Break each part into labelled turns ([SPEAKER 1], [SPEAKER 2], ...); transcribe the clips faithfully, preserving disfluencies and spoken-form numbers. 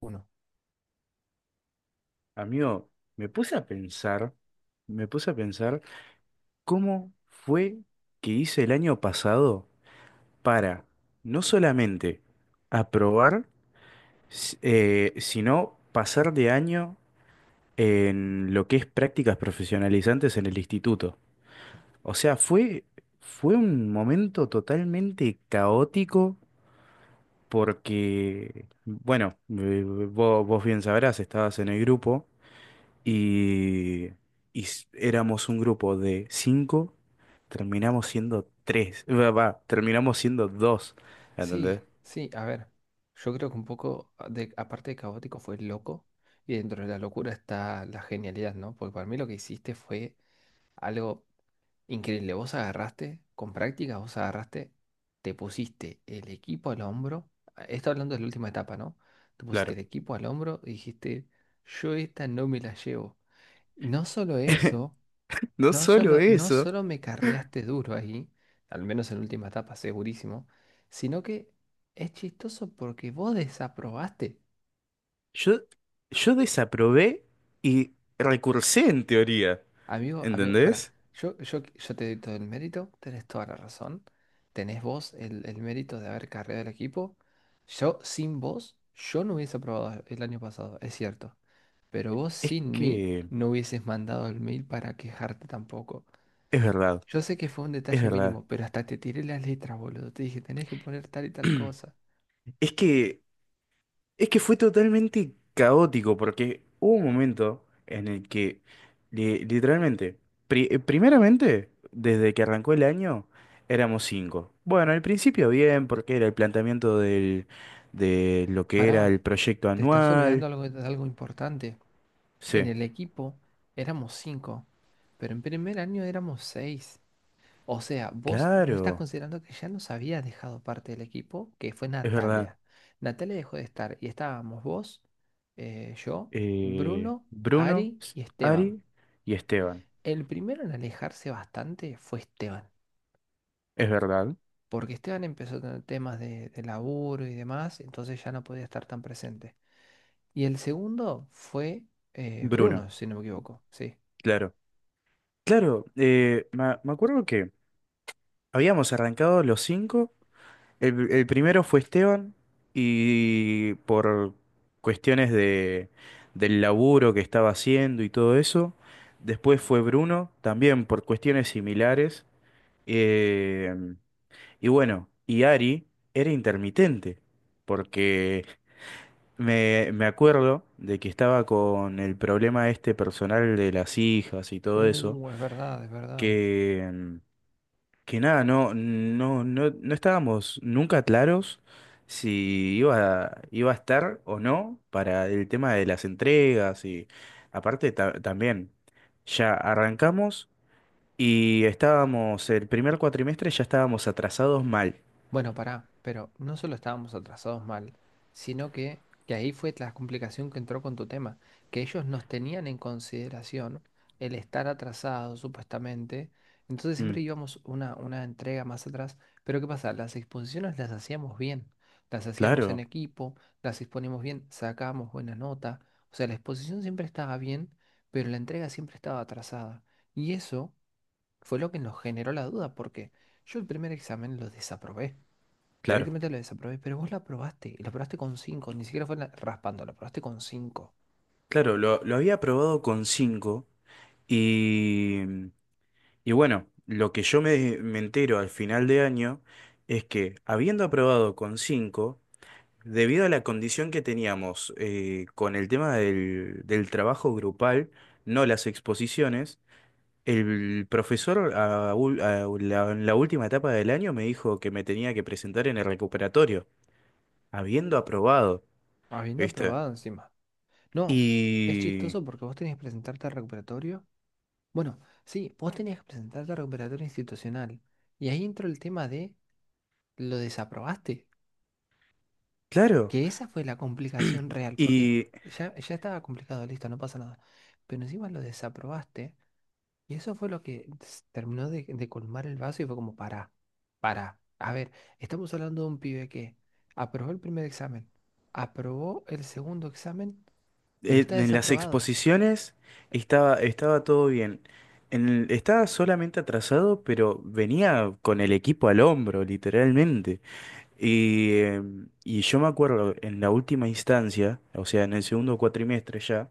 [SPEAKER 1] Uno.
[SPEAKER 2] Amigo, me puse a pensar, me puse a pensar cómo fue que hice el año pasado para no solamente aprobar, s- eh, sino pasar de año en lo que es prácticas profesionalizantes en el instituto. O sea, fue, fue un momento totalmente caótico porque, bueno, eh, vos, vos bien sabrás, estabas en el grupo. Y, y s- Éramos un grupo de cinco, terminamos siendo tres, va, va, terminamos siendo dos, ¿entendés?
[SPEAKER 1] Sí, sí, a ver. Yo creo que un poco, a- de, aparte de caótico, fue loco. Y dentro de la locura está la genialidad, ¿no? Porque para mí lo que hiciste fue algo increíble. Vos agarraste, con práctica, vos agarraste, te pusiste el equipo al hombro. a- Esto hablando de la última etapa, ¿no? Te pusiste el
[SPEAKER 2] Claro.
[SPEAKER 1] equipo al hombro y dijiste, yo esta no me la llevo. Y no solo eso.
[SPEAKER 2] No
[SPEAKER 1] No
[SPEAKER 2] solo
[SPEAKER 1] solo, no
[SPEAKER 2] eso,
[SPEAKER 1] solo me carreaste duro ahí, al menos en la última etapa, segurísimo, sino que es chistoso porque vos desaprobaste.
[SPEAKER 2] yo, yo desaprobé y recursé en teoría,
[SPEAKER 1] Amigo, amigo, para,
[SPEAKER 2] ¿entendés?
[SPEAKER 1] yo, yo, yo te doy todo el mérito, tenés toda la razón, tenés vos el, el mérito de haber carreado el equipo. Yo, sin vos, yo no hubiese aprobado el año pasado, es cierto, pero vos
[SPEAKER 2] Es
[SPEAKER 1] sin mí
[SPEAKER 2] que,
[SPEAKER 1] no hubieses mandado el mail para quejarte tampoco.
[SPEAKER 2] es verdad,
[SPEAKER 1] Yo sé que fue un
[SPEAKER 2] es
[SPEAKER 1] detalle
[SPEAKER 2] verdad.
[SPEAKER 1] mínimo, pero hasta te tiré las letras, boludo. Te dije, tenés que poner tal y tal cosa.
[SPEAKER 2] Es que Es que fue totalmente caótico porque hubo un momento en el que li- literalmente, pri- eh, primeramente, desde que arrancó el año, éramos cinco. Bueno, al principio bien, porque era el planteamiento del, de lo que era
[SPEAKER 1] Pará,
[SPEAKER 2] el proyecto
[SPEAKER 1] te estás olvidando
[SPEAKER 2] anual.
[SPEAKER 1] algo, de algo importante. En
[SPEAKER 2] Sí,
[SPEAKER 1] el equipo éramos cinco, pero en primer año éramos seis. O sea, vos no estás
[SPEAKER 2] claro,
[SPEAKER 1] considerando que ya nos había dejado parte del equipo, que fue
[SPEAKER 2] es verdad.
[SPEAKER 1] Natalia. Natalia dejó de estar y estábamos vos, eh, yo,
[SPEAKER 2] Eh,
[SPEAKER 1] Bruno,
[SPEAKER 2] Bruno,
[SPEAKER 1] Ari
[SPEAKER 2] S-
[SPEAKER 1] y Esteban.
[SPEAKER 2] Ari y Esteban.
[SPEAKER 1] El primero en alejarse bastante fue Esteban,
[SPEAKER 2] Es verdad.
[SPEAKER 1] porque Esteban empezó a tener temas de, de laburo y demás, entonces ya no podía estar tan presente. Y el segundo fue eh,
[SPEAKER 2] Bruno,
[SPEAKER 1] Bruno, si no me equivoco, sí.
[SPEAKER 2] claro. Claro, eh, me me acuerdo que habíamos arrancado los cinco. El, el primero fue Esteban y por cuestiones de, del laburo que estaba haciendo y todo eso. Después fue Bruno, también por cuestiones similares. Eh, y bueno, y Ari era intermitente, porque me, me acuerdo de que estaba con el problema este personal de las hijas y todo eso,
[SPEAKER 1] Uh, es verdad, es verdad.
[SPEAKER 2] que que nada, no, no, no, no estábamos nunca claros si iba a, iba a estar o no para el tema de las entregas y aparte ta- también, ya arrancamos y estábamos, el primer cuatrimestre ya estábamos atrasados mal.
[SPEAKER 1] Bueno, pará, pero no solo estábamos atrasados mal, sino que, que ahí fue la complicación que entró con tu tema, que ellos nos tenían en consideración el estar atrasados supuestamente, entonces
[SPEAKER 2] Mm,
[SPEAKER 1] siempre íbamos una, una entrega más atrás, pero ¿qué pasa? Las exposiciones las hacíamos bien, las hacíamos en
[SPEAKER 2] claro,
[SPEAKER 1] equipo, las exponíamos bien, sacábamos buena nota, o sea, la exposición siempre estaba bien, pero la entrega siempre estaba atrasada, y eso fue lo que nos generó la duda, porque yo el primer examen lo desaprobé.
[SPEAKER 2] claro,
[SPEAKER 1] Directamente la desaprobé, pero vos la aprobaste, y la aprobaste con cinco, ni siquiera fue la- raspando, la aprobaste con cinco,
[SPEAKER 2] claro, lo, lo había aprobado con cinco y, y bueno, lo que yo me, me entero al final de año es que habiendo aprobado con cinco, debido a la condición que teníamos, eh, con el tema del, del trabajo grupal, no las exposiciones, el profesor a ul- a la- en la última etapa del año me dijo que me tenía que presentar en el recuperatorio, habiendo aprobado,
[SPEAKER 1] habiendo
[SPEAKER 2] ¿viste?
[SPEAKER 1] aprobado encima. No, es
[SPEAKER 2] Y
[SPEAKER 1] chistoso porque vos tenías que presentarte al recuperatorio. Bueno, sí, vos tenías que presentarte al recuperatorio institucional, y ahí entró el tema de lo desaprobaste,
[SPEAKER 2] claro,
[SPEAKER 1] que esa fue la complicación real, porque
[SPEAKER 2] y
[SPEAKER 1] ya, ya estaba complicado, listo, no pasa nada, pero encima lo desaprobaste. Y eso fue lo que s- terminó de, de colmar el vaso y fue como, para, para. A ver, estamos hablando de un pibe que aprobó el primer examen, aprobó el segundo examen, pero
[SPEAKER 2] eh,
[SPEAKER 1] está
[SPEAKER 2] en las
[SPEAKER 1] desaprobado.
[SPEAKER 2] exposiciones estaba, estaba todo bien. En el- estaba solamente atrasado, pero venía con el equipo al hombro, literalmente. Y, em, y yo me acuerdo en la última instancia, o sea, en el segundo cuatrimestre ya,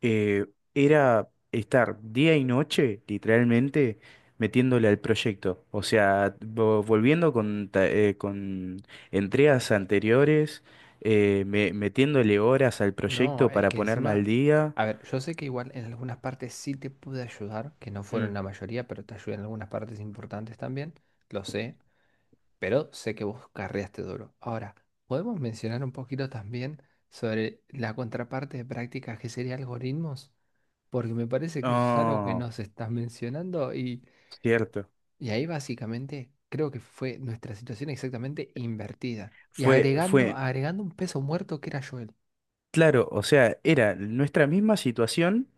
[SPEAKER 2] eh, era estar día y noche, literalmente, metiéndole al proyecto. O sea, vo- volviendo con, ta- eh, con entregas anteriores, eh, me- metiéndole horas al
[SPEAKER 1] No,
[SPEAKER 2] proyecto
[SPEAKER 1] es
[SPEAKER 2] para
[SPEAKER 1] que
[SPEAKER 2] ponerme al
[SPEAKER 1] encima,
[SPEAKER 2] día.
[SPEAKER 1] a ver, yo sé que igual en algunas partes sí te pude ayudar, que no fueron
[SPEAKER 2] Mm.
[SPEAKER 1] la mayoría, pero te ayudé en algunas partes importantes también, lo sé, pero sé que vos carreaste duro. Ahora, ¿podemos mencionar un poquito también sobre la contraparte de prácticas que sería algoritmos? Porque me parece que eso es algo que
[SPEAKER 2] Oh,
[SPEAKER 1] nos estás mencionando y,
[SPEAKER 2] cierto.
[SPEAKER 1] y ahí básicamente creo que fue nuestra situación exactamente invertida. Y
[SPEAKER 2] Fue,
[SPEAKER 1] agregando,
[SPEAKER 2] fue,
[SPEAKER 1] agregando un peso muerto que era Joel.
[SPEAKER 2] claro, o sea, era nuestra misma situación,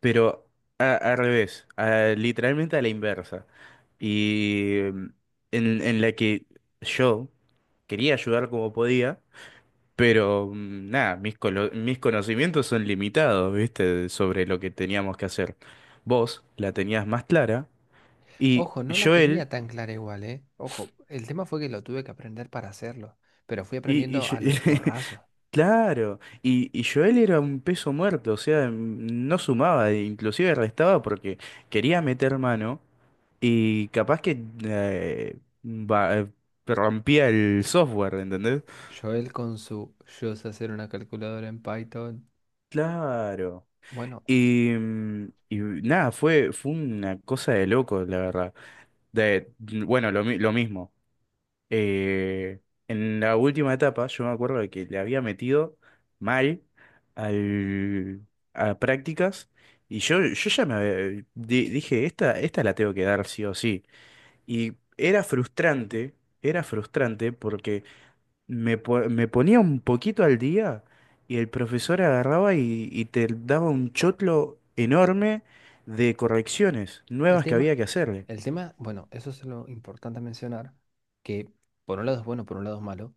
[SPEAKER 2] pero a- al revés, a- literalmente a la inversa. Y mm, en, en la que yo quería ayudar como podía, pero mm, nada, mis, colo- mis conocimientos son limitados, ¿viste? Sobre lo que teníamos que hacer. Vos la tenías más clara y
[SPEAKER 1] Ojo, no la
[SPEAKER 2] Joel,
[SPEAKER 1] tenía tan clara igual, ¿eh? Ojo, el tema fue que lo tuve que aprender para hacerlo, pero fui
[SPEAKER 2] y, y
[SPEAKER 1] aprendiendo
[SPEAKER 2] yo-
[SPEAKER 1] a los porrazos.
[SPEAKER 2] claro, y, y Joel era un peso muerto, o sea, mm, no sumaba, inclusive restaba porque quería meter mano. Y capaz que eh, va- eh, rompía el software, ¿entendés?
[SPEAKER 1] Joel con su yo sé hacer una calculadora en Python.
[SPEAKER 2] Claro.
[SPEAKER 1] Bueno,
[SPEAKER 2] Y, mm, y nada, fue, fue una cosa de loco, la verdad. De, mm, bueno, lo, mi- lo mismo. Eh, en la última etapa, yo me acuerdo de que le había metido mal al, a prácticas. Y yo, yo ya me había- eh, di- dije, esta, esta la tengo que dar sí o sí. Y era frustrante, era frustrante porque me, po- me ponía un poquito al día y el profesor agarraba y, y te daba un chotlo enorme de correcciones
[SPEAKER 1] el
[SPEAKER 2] nuevas que
[SPEAKER 1] tema,
[SPEAKER 2] había que hacerle.
[SPEAKER 1] el tema, bueno, eso es lo importante a mencionar, que por un lado es bueno, por un lado es malo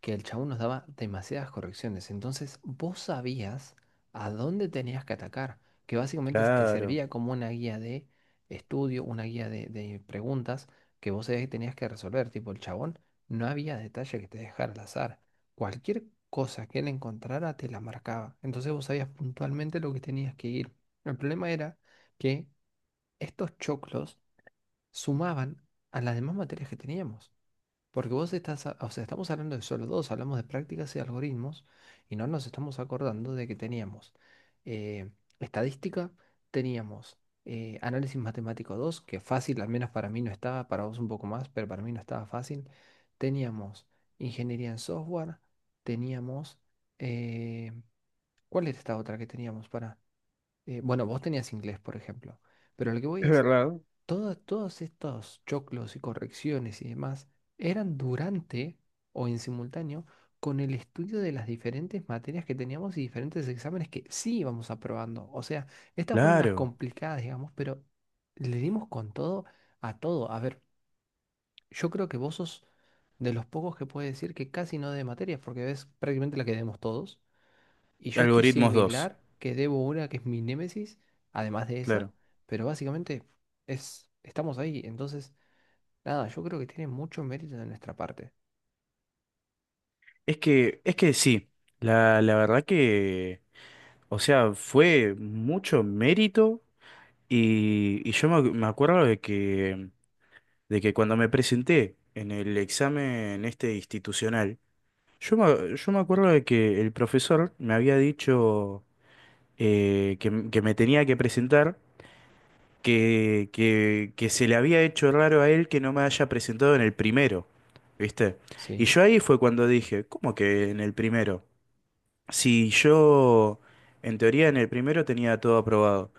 [SPEAKER 1] que el chabón nos daba demasiadas correcciones. Entonces vos sabías a dónde tenías que atacar, que básicamente te
[SPEAKER 2] Claro.
[SPEAKER 1] servía como una guía de estudio, una guía de, de preguntas que vos sabías que tenías que resolver. Tipo, el chabón no había detalle que te dejara al azar. Cualquier cosa que él encontrara te la marcaba. Entonces vos sabías puntualmente lo que tenías que ir. El problema era que estos choclos sumaban a las demás materias que teníamos. Porque vos estás, a- o sea, estamos hablando de solo dos, hablamos de prácticas y algoritmos y no nos estamos acordando de que teníamos eh, estadística, teníamos eh, análisis matemático dos, que fácil, al menos para mí no estaba, para vos un poco más, pero para mí no estaba fácil. Teníamos ingeniería en software, teníamos... eh, ¿cuál era esta otra que teníamos para...? eh, bueno, vos tenías inglés, por ejemplo, pero lo que voy
[SPEAKER 2] Es
[SPEAKER 1] es
[SPEAKER 2] verdad.
[SPEAKER 1] todas- todos estos choclos y correcciones y demás eran durante o en simultáneo con el estudio de las diferentes materias que teníamos y diferentes exámenes que sí íbamos aprobando. O sea, estas fueron las
[SPEAKER 2] Claro.
[SPEAKER 1] complicadas, digamos, pero le dimos con todo a todo. A ver, yo creo que vos sos de los pocos que puede decir que casi no de materias, porque ves prácticamente la que demos todos. Y yo estoy
[SPEAKER 2] Algoritmos dos.
[SPEAKER 1] similar, que debo una que es mi némesis, además de esa,
[SPEAKER 2] Claro.
[SPEAKER 1] pero básicamente es, estamos ahí, entonces, nada, yo creo que tiene mucho mérito de nuestra parte.
[SPEAKER 2] Es que, es que sí, la, la verdad que, o sea, fue mucho mérito y, y yo me, ac- me acuerdo de que, de que cuando me presenté en el examen este institucional, Yo me, yo me acuerdo de que el profesor me había dicho, eh, que, m- que me tenía que presentar, que, que, que se le había hecho raro a él que no me haya presentado en el primero, ¿viste? Y
[SPEAKER 1] Sí,
[SPEAKER 2] yo ahí fue cuando dije, ¿cómo que en el primero? Si yo, en teoría, en el primero tenía todo aprobado.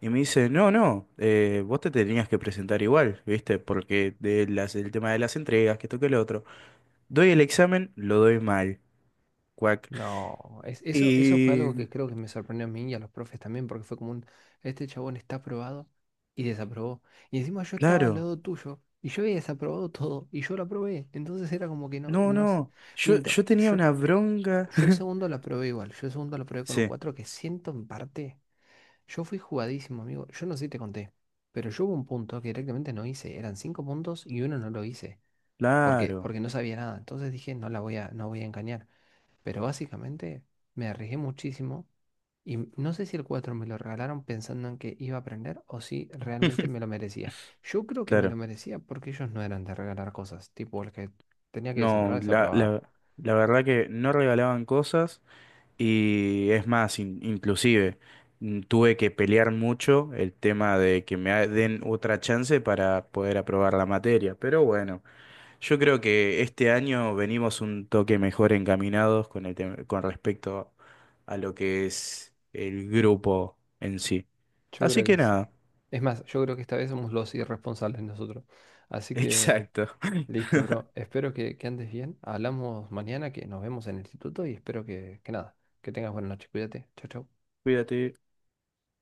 [SPEAKER 2] Y me dice, no, no, eh, vos te tenías que presentar igual, ¿viste? Porque de las, el tema de las entregas, que toque el otro. Doy el examen, lo doy mal. Cuac.
[SPEAKER 1] no, es, eso, eso fue
[SPEAKER 2] Y
[SPEAKER 1] algo que creo que me sorprendió a mí y a los profes también, porque fue como un, este chabón está aprobado y desaprobó. Y encima yo estaba al
[SPEAKER 2] claro.
[SPEAKER 1] lado tuyo y yo había desaprobado todo y yo lo aprobé, entonces era como que no,
[SPEAKER 2] No,
[SPEAKER 1] no, es-
[SPEAKER 2] no. Yo,
[SPEAKER 1] miento,
[SPEAKER 2] yo tenía
[SPEAKER 1] yo,
[SPEAKER 2] una bronca.
[SPEAKER 1] yo el segundo lo aprobé igual, yo el segundo lo aprobé con un
[SPEAKER 2] Sí,
[SPEAKER 1] cuatro que siento en parte. Yo fui jugadísimo, amigo. Yo no sé si te conté, pero yo hubo un punto que directamente no hice. Eran cinco puntos y uno no lo hice. ¿Por qué?
[SPEAKER 2] claro,
[SPEAKER 1] Porque no sabía nada. Entonces dije, no la voy a, no voy a engañar. Pero básicamente me arriesgué muchísimo y m- no sé si el cuatro me lo regalaron pensando en que iba a aprender o si realmente me lo merecía. Yo creo que me lo
[SPEAKER 2] claro.
[SPEAKER 1] merecía porque ellos no eran de regalar cosas. Tipo, el que tenía que
[SPEAKER 2] No,
[SPEAKER 1] desaprobar,
[SPEAKER 2] la,
[SPEAKER 1] desaprobaba.
[SPEAKER 2] la, la verdad que no regalaban cosas y es más, in- inclusive mm, tuve que pelear mucho el tema de que me ha- den otra chance para poder aprobar la materia. Pero bueno, yo creo que este año venimos un toque mejor encaminados con el tema- con respecto a lo que es el grupo en sí.
[SPEAKER 1] Yo
[SPEAKER 2] Así
[SPEAKER 1] creo
[SPEAKER 2] que
[SPEAKER 1] que sí.
[SPEAKER 2] nada.
[SPEAKER 1] Es más, yo creo que esta vez somos los irresponsables nosotros. Así que...
[SPEAKER 2] Exacto.
[SPEAKER 1] listo, bro. Espero que, que andes bien. Hablamos mañana, que nos vemos en el instituto y espero que, que nada, que tengas buena noche. Cuídate. Chau, chau.
[SPEAKER 2] Cuídate.